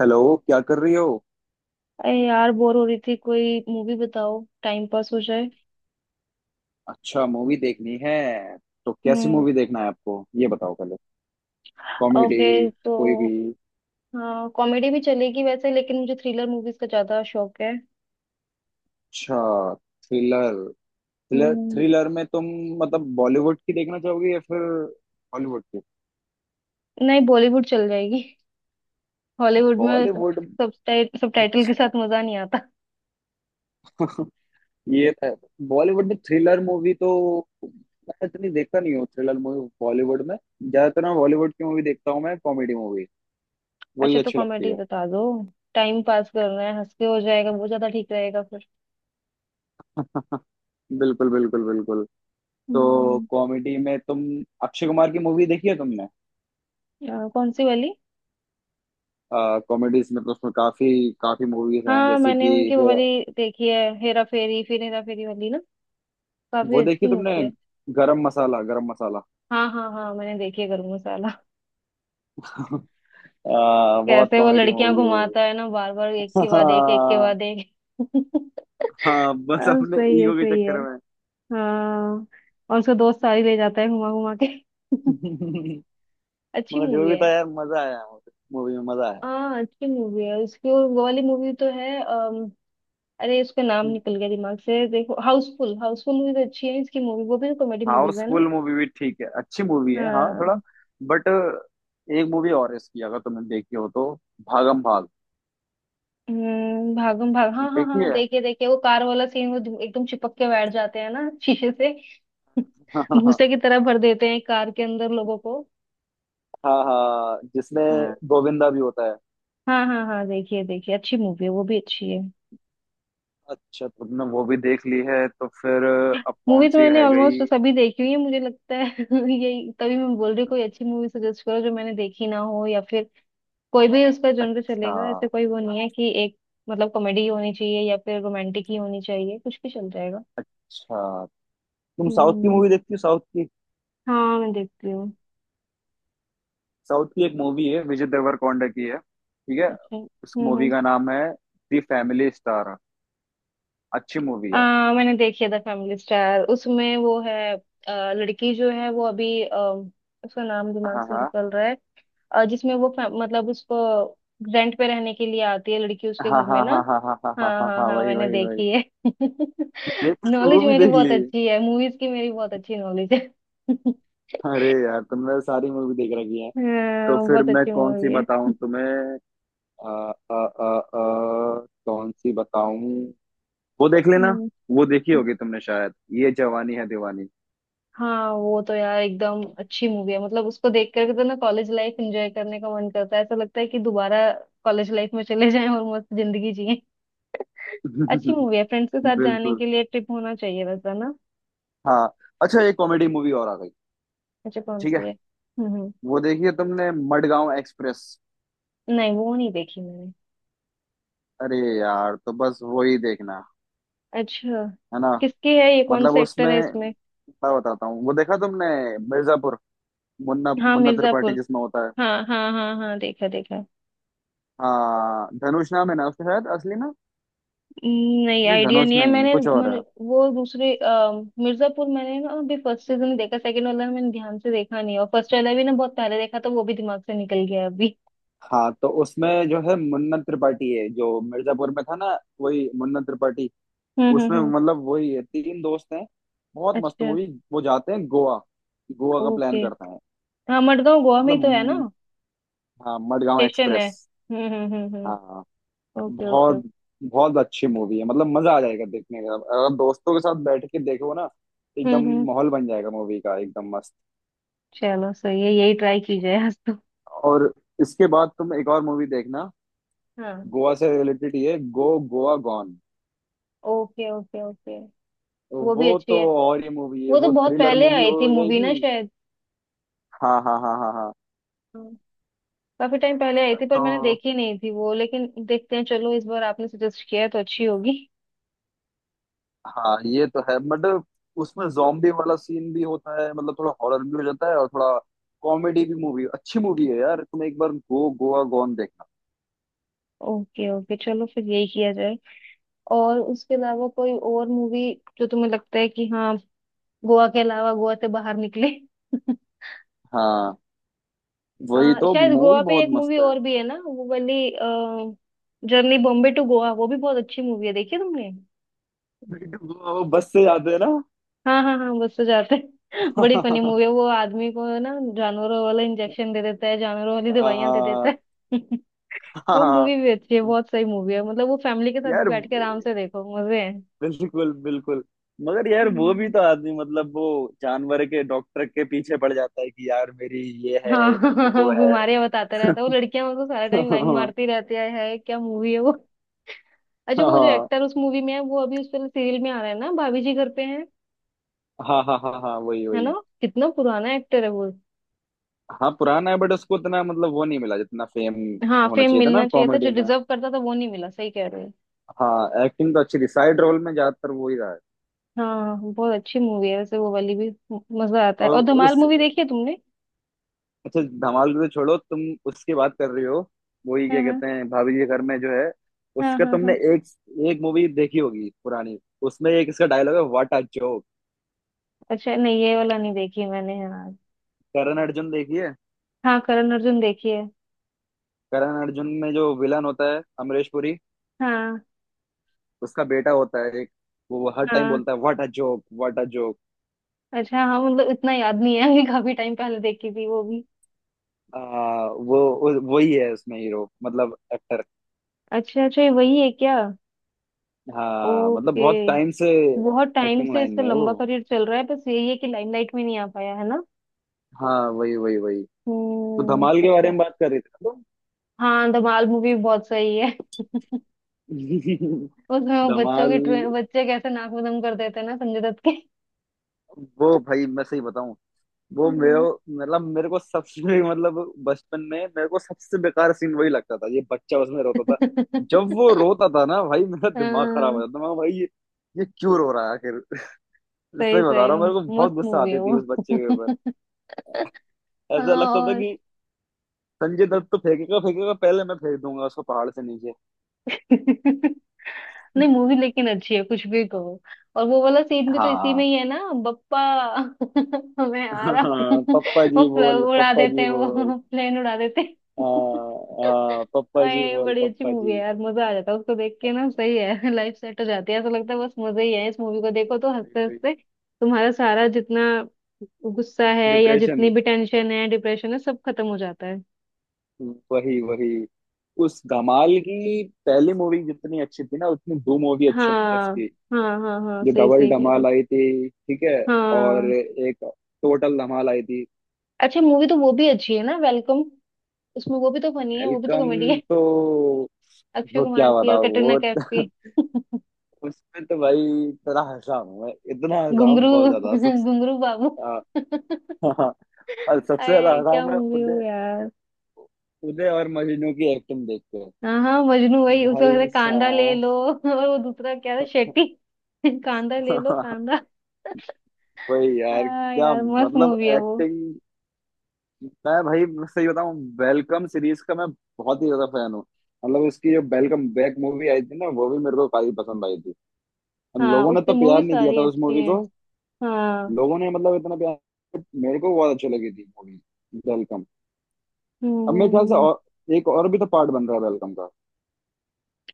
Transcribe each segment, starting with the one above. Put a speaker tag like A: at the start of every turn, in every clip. A: Hello, क्या कर रही हो।
B: अरे यार बोर हो रही थी। कोई मूवी बताओ टाइम पास हो जाए।
A: अच्छा, मूवी देखनी है। तो कैसी
B: हम्म।
A: मूवी देखना है आपको। ये बताओ पहले। कॉमेडी।
B: ओके। तो
A: कोई भी।
B: हाँ, कॉमेडी भी चलेगी वैसे, लेकिन मुझे थ्रिलर मूवीज का ज्यादा शौक है।
A: अच्छा। थ्रिलर। थ्रिलर
B: हम्म।
A: थ्रिलर में तुम मतलब बॉलीवुड की देखना चाहोगे या फिर हॉलीवुड की।
B: नहीं, बॉलीवुड चल जाएगी। हॉलीवुड में
A: बॉलीवुड।
B: सब टाइटल के
A: अच्छा।
B: साथ मजा नहीं आता।
A: ये तो है। बॉलीवुड में थ्रिलर मूवी तो मैं इतनी देखता नहीं हूँ, थ्रिलर मूवी बॉलीवुड में। ज्यादातर मैं बॉलीवुड की मूवी देखता हूँ, मैं कॉमेडी मूवी
B: अच्छा,
A: वही
B: तो
A: अच्छी लगती
B: कॉमेडी
A: है।
B: बता दो। टाइम पास करना है, हंस के हो जाएगा वो ज्यादा ठीक रहेगा फिर।
A: बिल्कुल, बिल्कुल, बिल्कुल। तो
B: हम्म।
A: कॉमेडी में तुम अक्षय कुमार की मूवी देखी है तुमने।
B: कौन सी वाली?
A: कॉमेडीज में तो उसमें काफी काफी मूवीज हैं
B: हाँ,
A: जैसे
B: मैंने
A: कि
B: उनकी वो वाली देखी है, हेरा फेरी, फिर हेरा फेरी वाली ना। काफी
A: वो देखी
B: अच्छी
A: तुमने,
B: मूवी है।
A: गरम मसाला, गरम मसाला।
B: हाँ हाँ हाँ, मैंने देखी है गरम मसाला।
A: बहुत
B: कैसे वो
A: कॉमेडी
B: लड़कियां
A: मूवी है वो।
B: घुमाता है ना, बार बार, एक के बाद एक, एक के
A: हाँ।
B: बाद एक।
A: हाँ, बस
B: हाँ,
A: अपने
B: सही है
A: ईगो के
B: सही है।
A: चक्कर में।
B: हाँ। और उसका दोस्त सारी ले जाता है घुमा घुमा के। अच्छी
A: मगर जो
B: मूवी
A: भी
B: है।
A: था यार, मजा आया, मूवी में मजा आया।
B: हाँ, अच्छी मूवी है उसकी। और वो वाली मूवी तो है, अरे उसका नाम निकल गया दिमाग से। देखो, हाउसफुल, हाउसफुल मूवी तो अच्छी है इसकी। मूवी वो भी तो कॉमेडी मूवीज है ना।
A: हाउसफुल मूवी भी ठीक है, अच्छी मूवी है हाँ,
B: हाँ।
A: थोड़ा बट एक मूवी और है इसकी, अगर तुमने देखी हो तो, भागम भाग।
B: भागम भाग, हाँ हाँ हाँ,
A: देखिए।
B: देखिए देखिए, वो कार वाला सीन, वो एकदम चिपक के बैठ जाते हैं ना शीशे से। भूसे की तरह भर देते हैं कार के अंदर लोगों को।
A: हाँ, हाँ, जिसमें
B: हाँ
A: गोविंदा भी होता है।
B: हाँ हाँ हाँ, देखिए देखिए, अच्छी मूवी है, वो भी अच्छी है।
A: अच्छा, तुमने वो भी देख ली है तो फिर अब कौन
B: मूवी तो
A: सी
B: मैंने
A: रह गई।
B: ऑलमोस्ट सभी देखी हुई है मुझे लगता है। यही, तभी मैं बोल रही हूँ कोई अच्छी मूवी सजेस्ट करो जो मैंने देखी ना हो, या फिर कोई भी उसका जॉनर
A: अच्छा।
B: चलेगा। ऐसे कोई वो नहीं है कि एक मतलब कॉमेडी होनी चाहिए या फिर रोमांटिक ही होनी चाहिए, कुछ भी चल जाएगा।
A: अच्छा। तुम साउथ की
B: हम्म।
A: मूवी देखती हो, साउथ की।
B: हाँ, मैं देखती हूँ।
A: साउथ की एक मूवी है, विजय देवरकोंडा की है, ठीक है।
B: अच्छा।
A: उस मूवी
B: हम्म।
A: का नाम है दी फैमिली स्टार। अच्छी मूवी है।
B: मैंने देखी है द फैमिली स्टार, उसमें वो है, लड़की जो है वो अभी, उसका नाम दिमाग
A: हाँ,
B: से
A: हाँ,
B: निकल रहा है। जिसमें वो मतलब उसको रेंट पे रहने के लिए आती है लड़की उसके
A: हाँ,
B: घर
A: हाँ,
B: में ना।
A: हाँ, हाँ, हाँ, हाँ, हाँ,
B: हाँ
A: हाँ,
B: हाँ
A: हाँ,
B: हाँ,
A: वही,
B: मैंने
A: वही, वही।
B: देखी है।
A: देख ली, वो
B: नॉलेज
A: भी
B: मेरी
A: देख
B: बहुत
A: ली।
B: अच्छी है मूवीज की, मेरी बहुत अच्छी नॉलेज है।
A: अरे यार, तुमने सारी मूवी देख रखी है। तो
B: हाँ,
A: फिर
B: बहुत
A: मैं
B: अच्छी
A: कौन
B: मूवी
A: सी
B: है।
A: बताऊं तुम्हें। अ, अ, अ, कौन सी बताऊं। वो देख लेना।
B: हम्म।
A: वो देखी होगी तुमने शायद, ये जवानी है दीवानी।
B: हाँ, वो तो यार एकदम अच्छी मूवी है, मतलब उसको देख करके तो ना कॉलेज लाइफ एंजॉय करने का मन करता है, ऐसा लगता है कि दोबारा कॉलेज लाइफ में चले जाएं और मस्त जिंदगी जिएं। अच्छी मूवी है, फ्रेंड्स के साथ जाने
A: बिल्कुल।
B: के लिए, ट्रिप होना चाहिए वैसा ना।
A: हाँ। अच्छा, एक कॉमेडी मूवी और आ गई।
B: अच्छा, कौन
A: ठीक
B: सी
A: है।
B: है?
A: वो देखी है तुमने, मडगांव एक्सप्रेस।
B: नहीं, वो नहीं देखी मैंने।
A: अरे यार, तो बस वो ही देखना।
B: अच्छा,
A: है ना।
B: किसकी है ये? कौन
A: मतलब
B: सा एक्टर
A: उसमें
B: है इसमें?
A: मैं बताता हूँ, वो देखा तुमने, मिर्जापुर। मुन्ना
B: हाँ,
A: मुन्ना त्रिपाठी
B: मिर्जापुर,
A: जिसमें होता है।
B: हाँ हाँ हाँ हाँ, देखा देखा।
A: हाँ, धनुष नाम है ना उसका शायद असली, ना।
B: नहीं,
A: नहीं,
B: आइडिया
A: धनुष
B: नहीं है।
A: नहीं,
B: मैंने
A: कुछ और
B: मैंने
A: है।
B: वो दूसरे, मिर्जापुर मैंने ना अभी फर्स्ट सीजन देखा, सेकंड वाला मैंने ध्यान से देखा नहीं है, और फर्स्ट वाला भी ना बहुत पहले देखा तो वो भी दिमाग से निकल गया अभी।
A: हाँ, तो उसमें जो है मुन्ना त्रिपाठी है जो मिर्जापुर में था ना, वही मुन्ना त्रिपाठी। उसमें
B: हम्म।
A: मतलब वही है, तीन दोस्त हैं, बहुत मस्त
B: अच्छा।
A: मूवी। वो जाते हैं गोवा, गोवा का प्लान
B: ओके।
A: करते हैं।
B: हाँ, मडगांव गोवा में
A: मतलब
B: ही तो है ना,
A: हाँ, मडगांव
B: स्टेशन है।
A: एक्सप्रेस।
B: हम्म।
A: हाँ।
B: ओके ओके
A: बहुत
B: ओके।
A: बहुत अच्छी मूवी है, मतलब मजा आ जाएगा देखने का, अगर दोस्तों के साथ बैठ के देखो ना, एकदम
B: हम्म।
A: माहौल बन जाएगा मूवी का एकदम मस्त।
B: चलो, सही है, यही ट्राई की जाए आज तो।
A: और इसके बाद तुम एक और मूवी देखना,
B: हाँ।
A: गोवा से रिलेटेड, ये go, Goa gone.
B: Okay okay okay. वो भी
A: वो
B: अच्छी
A: तो
B: है।
A: और ही मूवी है,
B: वो तो
A: वो
B: बहुत
A: थ्रिलर
B: पहले
A: मूवी
B: आई थी
A: हो
B: मूवी
A: जाएगी।
B: ना शायद।
A: हाँ, हाँ, हाँ, हाँ, हाँ।
B: काफी टाइम पहले आई थी पर मैंने
A: तो
B: देखी नहीं थी वो, लेकिन देखते हैं। चलो, इस बार आपने सजेस्ट किया है तो अच्छी होगी।
A: हाँ, ये तो है बट उसमें जॉम्बी वाला सीन भी होता है, मतलब थोड़ा हॉरर भी हो जाता है और थोड़ा कॉमेडी भी, मूवी अच्छी मूवी है यार, तुम एक बार गो गोवा गॉन देखना।
B: ओके ओके, चलो फिर यही किया जाए। और उसके अलावा कोई और मूवी जो तुम्हें लगता है कि हाँ, गोवा के अलावा, गोवा से बाहर निकले।
A: हाँ, वही तो
B: शायद गोवा
A: मूवी
B: पे
A: बहुत
B: एक मूवी
A: मस्त है।
B: और भी है ना, वो वाली, जर्नी बॉम्बे टू गोवा, वो भी बहुत अच्छी मूवी है, देखी है तुमने?
A: वो बस से जाते हैं ना।
B: हाँ हाँ हाँ, बस तो जाते हैं। बड़ी फनी
A: हाँ।
B: मूवी है वो। आदमी को ना जानवरों वाला इंजेक्शन दे देता है, जानवरों वाली दवाइयां दे देता है।
A: हाँ,
B: वो
A: हाँ,
B: मूवी भी अच्छी है, बहुत सही मूवी है, मतलब वो फैमिली के साथ भी
A: यार,
B: बैठ के आराम से देखो, मजे हैं।
A: बिल्कुल, बिल्कुल। मगर यार वो भी
B: हम्म।
A: तो आदमी, मतलब वो जानवर के डॉक्टर के पीछे पड़ जाता है कि यार मेरी, ये है,
B: हाँ।
A: मेरे को
B: हाँ,
A: वो है।
B: बीमारियां बताता रहता है, वो लड़कियां मतलब सारा टाइम लाइन मारती रहती है, क्या मूवी है वो। अच्छा, वो जो
A: हाँ,
B: एक्टर उस मूवी में है वो अभी उस वाले सीरियल में आ रहा है ना, भाभी जी घर पे है
A: हाँ, हाँ, हाँ, हाँ, वही,
B: है ना।
A: वही।
B: कितना पुराना एक्टर है वो।
A: हाँ, पुराना है बट उसको उतना मतलब वो नहीं मिला जितना फेम
B: हाँ,
A: होना
B: फेम
A: चाहिए था ना
B: मिलना चाहिए था जो
A: कॉमेडी में।
B: डिजर्व करता था वो नहीं मिला, सही कह रहे हो।
A: हाँ, एक्टिंग तो अच्छी थी, साइड रोल में ज्यादातर वो ही रहा है।
B: हाँ, बहुत अच्छी मूवी है वैसे वो वाली भी, मजा आता है।
A: और
B: और धमाल
A: उस,
B: मूवी देखी है तुमने?
A: अच्छा, धमाल तो छोड़ो तुम, उसकी बात कर रही हो। वही, क्या
B: हाँ हाँ
A: कहते हैं, भाभी के घर में जो है,
B: हाँ
A: उसका
B: हाँ
A: तुमने
B: हाँ।
A: एक एक मूवी देखी होगी पुरानी। उसमें एक इसका डायलॉग है, व्हाट अ जोक।
B: अच्छा, नहीं, ये वाला नहीं देखी मैंने। हाँ।
A: करण अर्जुन, देखिए।
B: हाँ, करण अर्जुन देखी है।
A: करण अर्जुन में जो विलन होता है अमरीश पुरी,
B: हाँ।
A: उसका बेटा होता है एक, वो हर टाइम
B: हाँ
A: बोलता है, what a joke, what a joke.
B: अच्छा, हाँ, मतलब इतना याद नहीं है। कि काफी टाइम पहले देखी थी वो भी।
A: वही है उसमें हीरो मतलब एक्टर।
B: अच्छा अच्छा, ये वही है क्या?
A: हाँ, मतलब
B: ओके।
A: बहुत टाइम से
B: बहुत टाइम
A: एक्टिंग
B: से
A: लाइन
B: इसका
A: में है वो।
B: लंबा करियर चल रहा है, बस यही है कि लाइमलाइट में नहीं आ पाया है ना।
A: हाँ, वही, वही, वही। तो
B: हम्म।
A: धमाल के बारे
B: अच्छा।
A: में बात कर रही थी ना।
B: हाँ, धमाल मूवी बहुत सही है।
A: तुम
B: उसमें वो बच्चों के
A: धमाल,
B: बच्चे कैसे नाक में दम कर देते हैं ना संजय दत्त के।
A: वो भाई मैं सही बताऊं, वो मेरे,
B: हम्म।
A: मतलब मेरे को सबसे मतलब बचपन में मेरे को सबसे बेकार सीन वही लगता था, ये बच्चा उसमें रोता था। जब वो रोता था ना भाई, मेरा दिमाग खराब हो
B: हाँ,
A: जाता था, मैं भाई, ये क्यों रो रहा है आखिर।
B: सही
A: सही बता
B: सही।
A: रहा हूँ, मेरे को
B: मस्त
A: बहुत गुस्सा
B: मूवी है
A: आती थी
B: वो।
A: उस बच्चे के ऊपर। ऐसा
B: हाँ।
A: लगता था
B: और
A: कि संजय दत्त तो फेंकेगा फेंकेगा, पहले मैं फेंक दूंगा उसको पहाड़ से नीचे।
B: नहीं, मूवी लेकिन अच्छी है कुछ भी कहो। और वो वाला सीन भी तो इसी में
A: हाँ।
B: ही है ना, बप्पा। मैं आ रहा हूँ।
A: हाँ, पप्पा
B: वो
A: जी बोल,
B: उड़ा
A: पप्पा
B: देते
A: जी
B: हैं,
A: बोल।
B: वो प्लेन उड़ा देते हैं।
A: हाँ, हाँ, पप्पा जी
B: अरे,
A: बोल,
B: बड़ी अच्छी
A: पप्पा
B: मूवी है यार, मजा आ जाता है उसको देख के ना, सही है। लाइफ सेट हो जाती है ऐसा लगता है, बस मजा ही है। इस मूवी को देखो तो हंसते
A: जी।
B: हंसते तुम्हारा सारा जितना गुस्सा है या जितनी
A: डिप्रेशन,
B: भी टेंशन है, डिप्रेशन है, सब खत्म हो जाता है।
A: वही, वही। उस धमाल की पहली मूवी जितनी अच्छी थी ना, उतनी दो मूवी अच्छी नहीं है
B: हाँ
A: उसकी।
B: हाँ हाँ हाँ,
A: जो
B: सही
A: डबल
B: सही कह रहे हो।
A: धमाल आई थी, ठीक है, और
B: हाँ।
A: एक टोटल धमाल आई थी।
B: अच्छा, मूवी तो वो भी अच्छी है ना, वेलकम। उसमें वो भी तो फनी है, वो भी तो
A: वेलकम,
B: कॉमेडी है।
A: तो
B: अक्षय
A: वो क्या
B: कुमार की और
A: बताओ वो।
B: कटरीना कैफ की।
A: उसमें तो भाई इतना हंसा हूं मैं, इतना हंसा हूं,
B: घुंगरू।
A: बहुत ज्यादा, सबसे
B: घुंगरू बाबू।
A: आ, और सबसे ज्यादा
B: अरे
A: हंसा हूं
B: क्या
A: मैं
B: मूवी हो
A: उदय,
B: यार।
A: उदय और मजनू की एक्टिंग देख के।
B: हाँ हाँ, मजनू, वही उसको कहते
A: भाई
B: हैं, कांदा ले
A: साहब।
B: लो। और वो दूसरा क्या था, शेट्टी? कांदा ले लो कांदा।
A: वही यार,
B: हाँ
A: क्या
B: यार, मस्त
A: मतलब
B: मूवी है वो।
A: एक्टिंग। मैं भाई, मैं सही बताऊं, वेलकम सीरीज का मैं बहुत ही ज्यादा फैन हूँ। मतलब उसकी जो वेलकम बैक मूवी आई थी ना, वो भी मेरे को काफी पसंद आई थी, और
B: हाँ,
A: लोगों ने
B: उसकी
A: तो प्यार
B: मूवी
A: नहीं दिया
B: सारी
A: था उस
B: अच्छी
A: मूवी
B: है।
A: को।
B: हाँ।
A: लोगों ने, मतलब इतना प्यार, मेरे को बहुत अच्छी लगी थी मूवी, वेलकम।
B: हम्म
A: अब मेरे ख्याल से,
B: हम्म
A: और एक और भी तो पार्ट बन रहा है वेलकम का,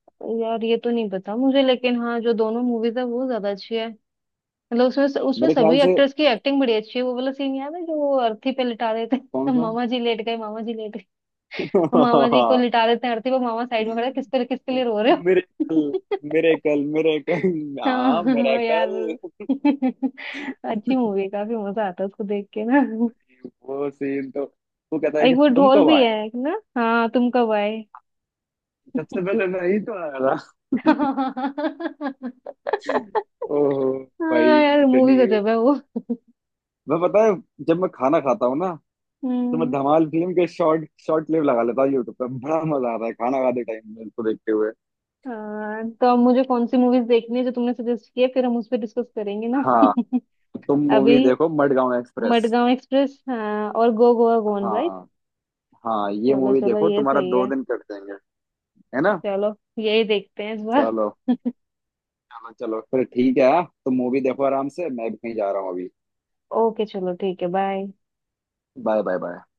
B: हम्म। यार ये तो नहीं पता मुझे, लेकिन हाँ, जो दोनों मूवीज है वो ज्यादा अच्छी है। मतलब उसमें उसमें
A: मेरे ख्याल
B: सभी
A: से,
B: एक्टर्स की एक्टिंग बड़ी अच्छी है। वो वाला सीन याद है जो वो अर्थी पे लिटा देते
A: कौन
B: हैं।
A: सा।
B: मामा जी लेट गए, मामा जी लेट गए, और मामा जी को लिटा देते हैं अर्थी पे, मामा साइड में खड़े हैं, किस पे, किसके लिए रो रहे हो?
A: मेरे कल, मेरे कल, मेरे कल, हाँ, मेरा
B: हाँ यार।
A: कल।
B: अच्छी मूवी है, काफी मजा आता है उसको देख के ना।
A: वो सीन तो, वो कहता
B: और
A: है कि
B: एक वो
A: तुम
B: ढोल
A: कब
B: भी है
A: आए,
B: एक ना, हाँ, तुम कब आए।
A: सबसे पहले मैं ही तो आया था। ओहो भाई,
B: हाँ यार, मूवी
A: इतनी,
B: गजब है वो।
A: मैं पता है जब मैं खाना खाता हूँ ना, तो मैं
B: हम्म।
A: धमाल फिल्म के शॉर्ट शॉर्ट क्लिप लगा लेता हूँ यूट्यूब पे, बड़ा मजा आता है खाना खाते टाइम में इसको देखते हुए।
B: हाँ, तो अब मुझे कौन सी मूवीज देखनी है जो तुमने सजेस्ट किया, फिर हम उस पर डिस्कस करेंगे ना।
A: हाँ, तुम मूवी
B: अभी?
A: देखो मडगांव एक्सप्रेस।
B: मडगांव एक्सप्रेस हाँ, और गो गोवा गॉन, राइट।
A: हाँ, हाँ, ये
B: चलो
A: मूवी
B: चलो,
A: देखो,
B: ये
A: तुम्हारा
B: सही
A: दो
B: है।
A: दिन कट जाएंगे। है ना।
B: चलो, यही देखते हैं इस बार।
A: चलो। चलो, चलो फिर, ठीक है हाँ? तुम मूवी देखो आराम से, मैं भी कहीं जा रहा हूँ अभी।
B: ओके चलो, ठीक है, बाय।
A: Bye, bye, bye.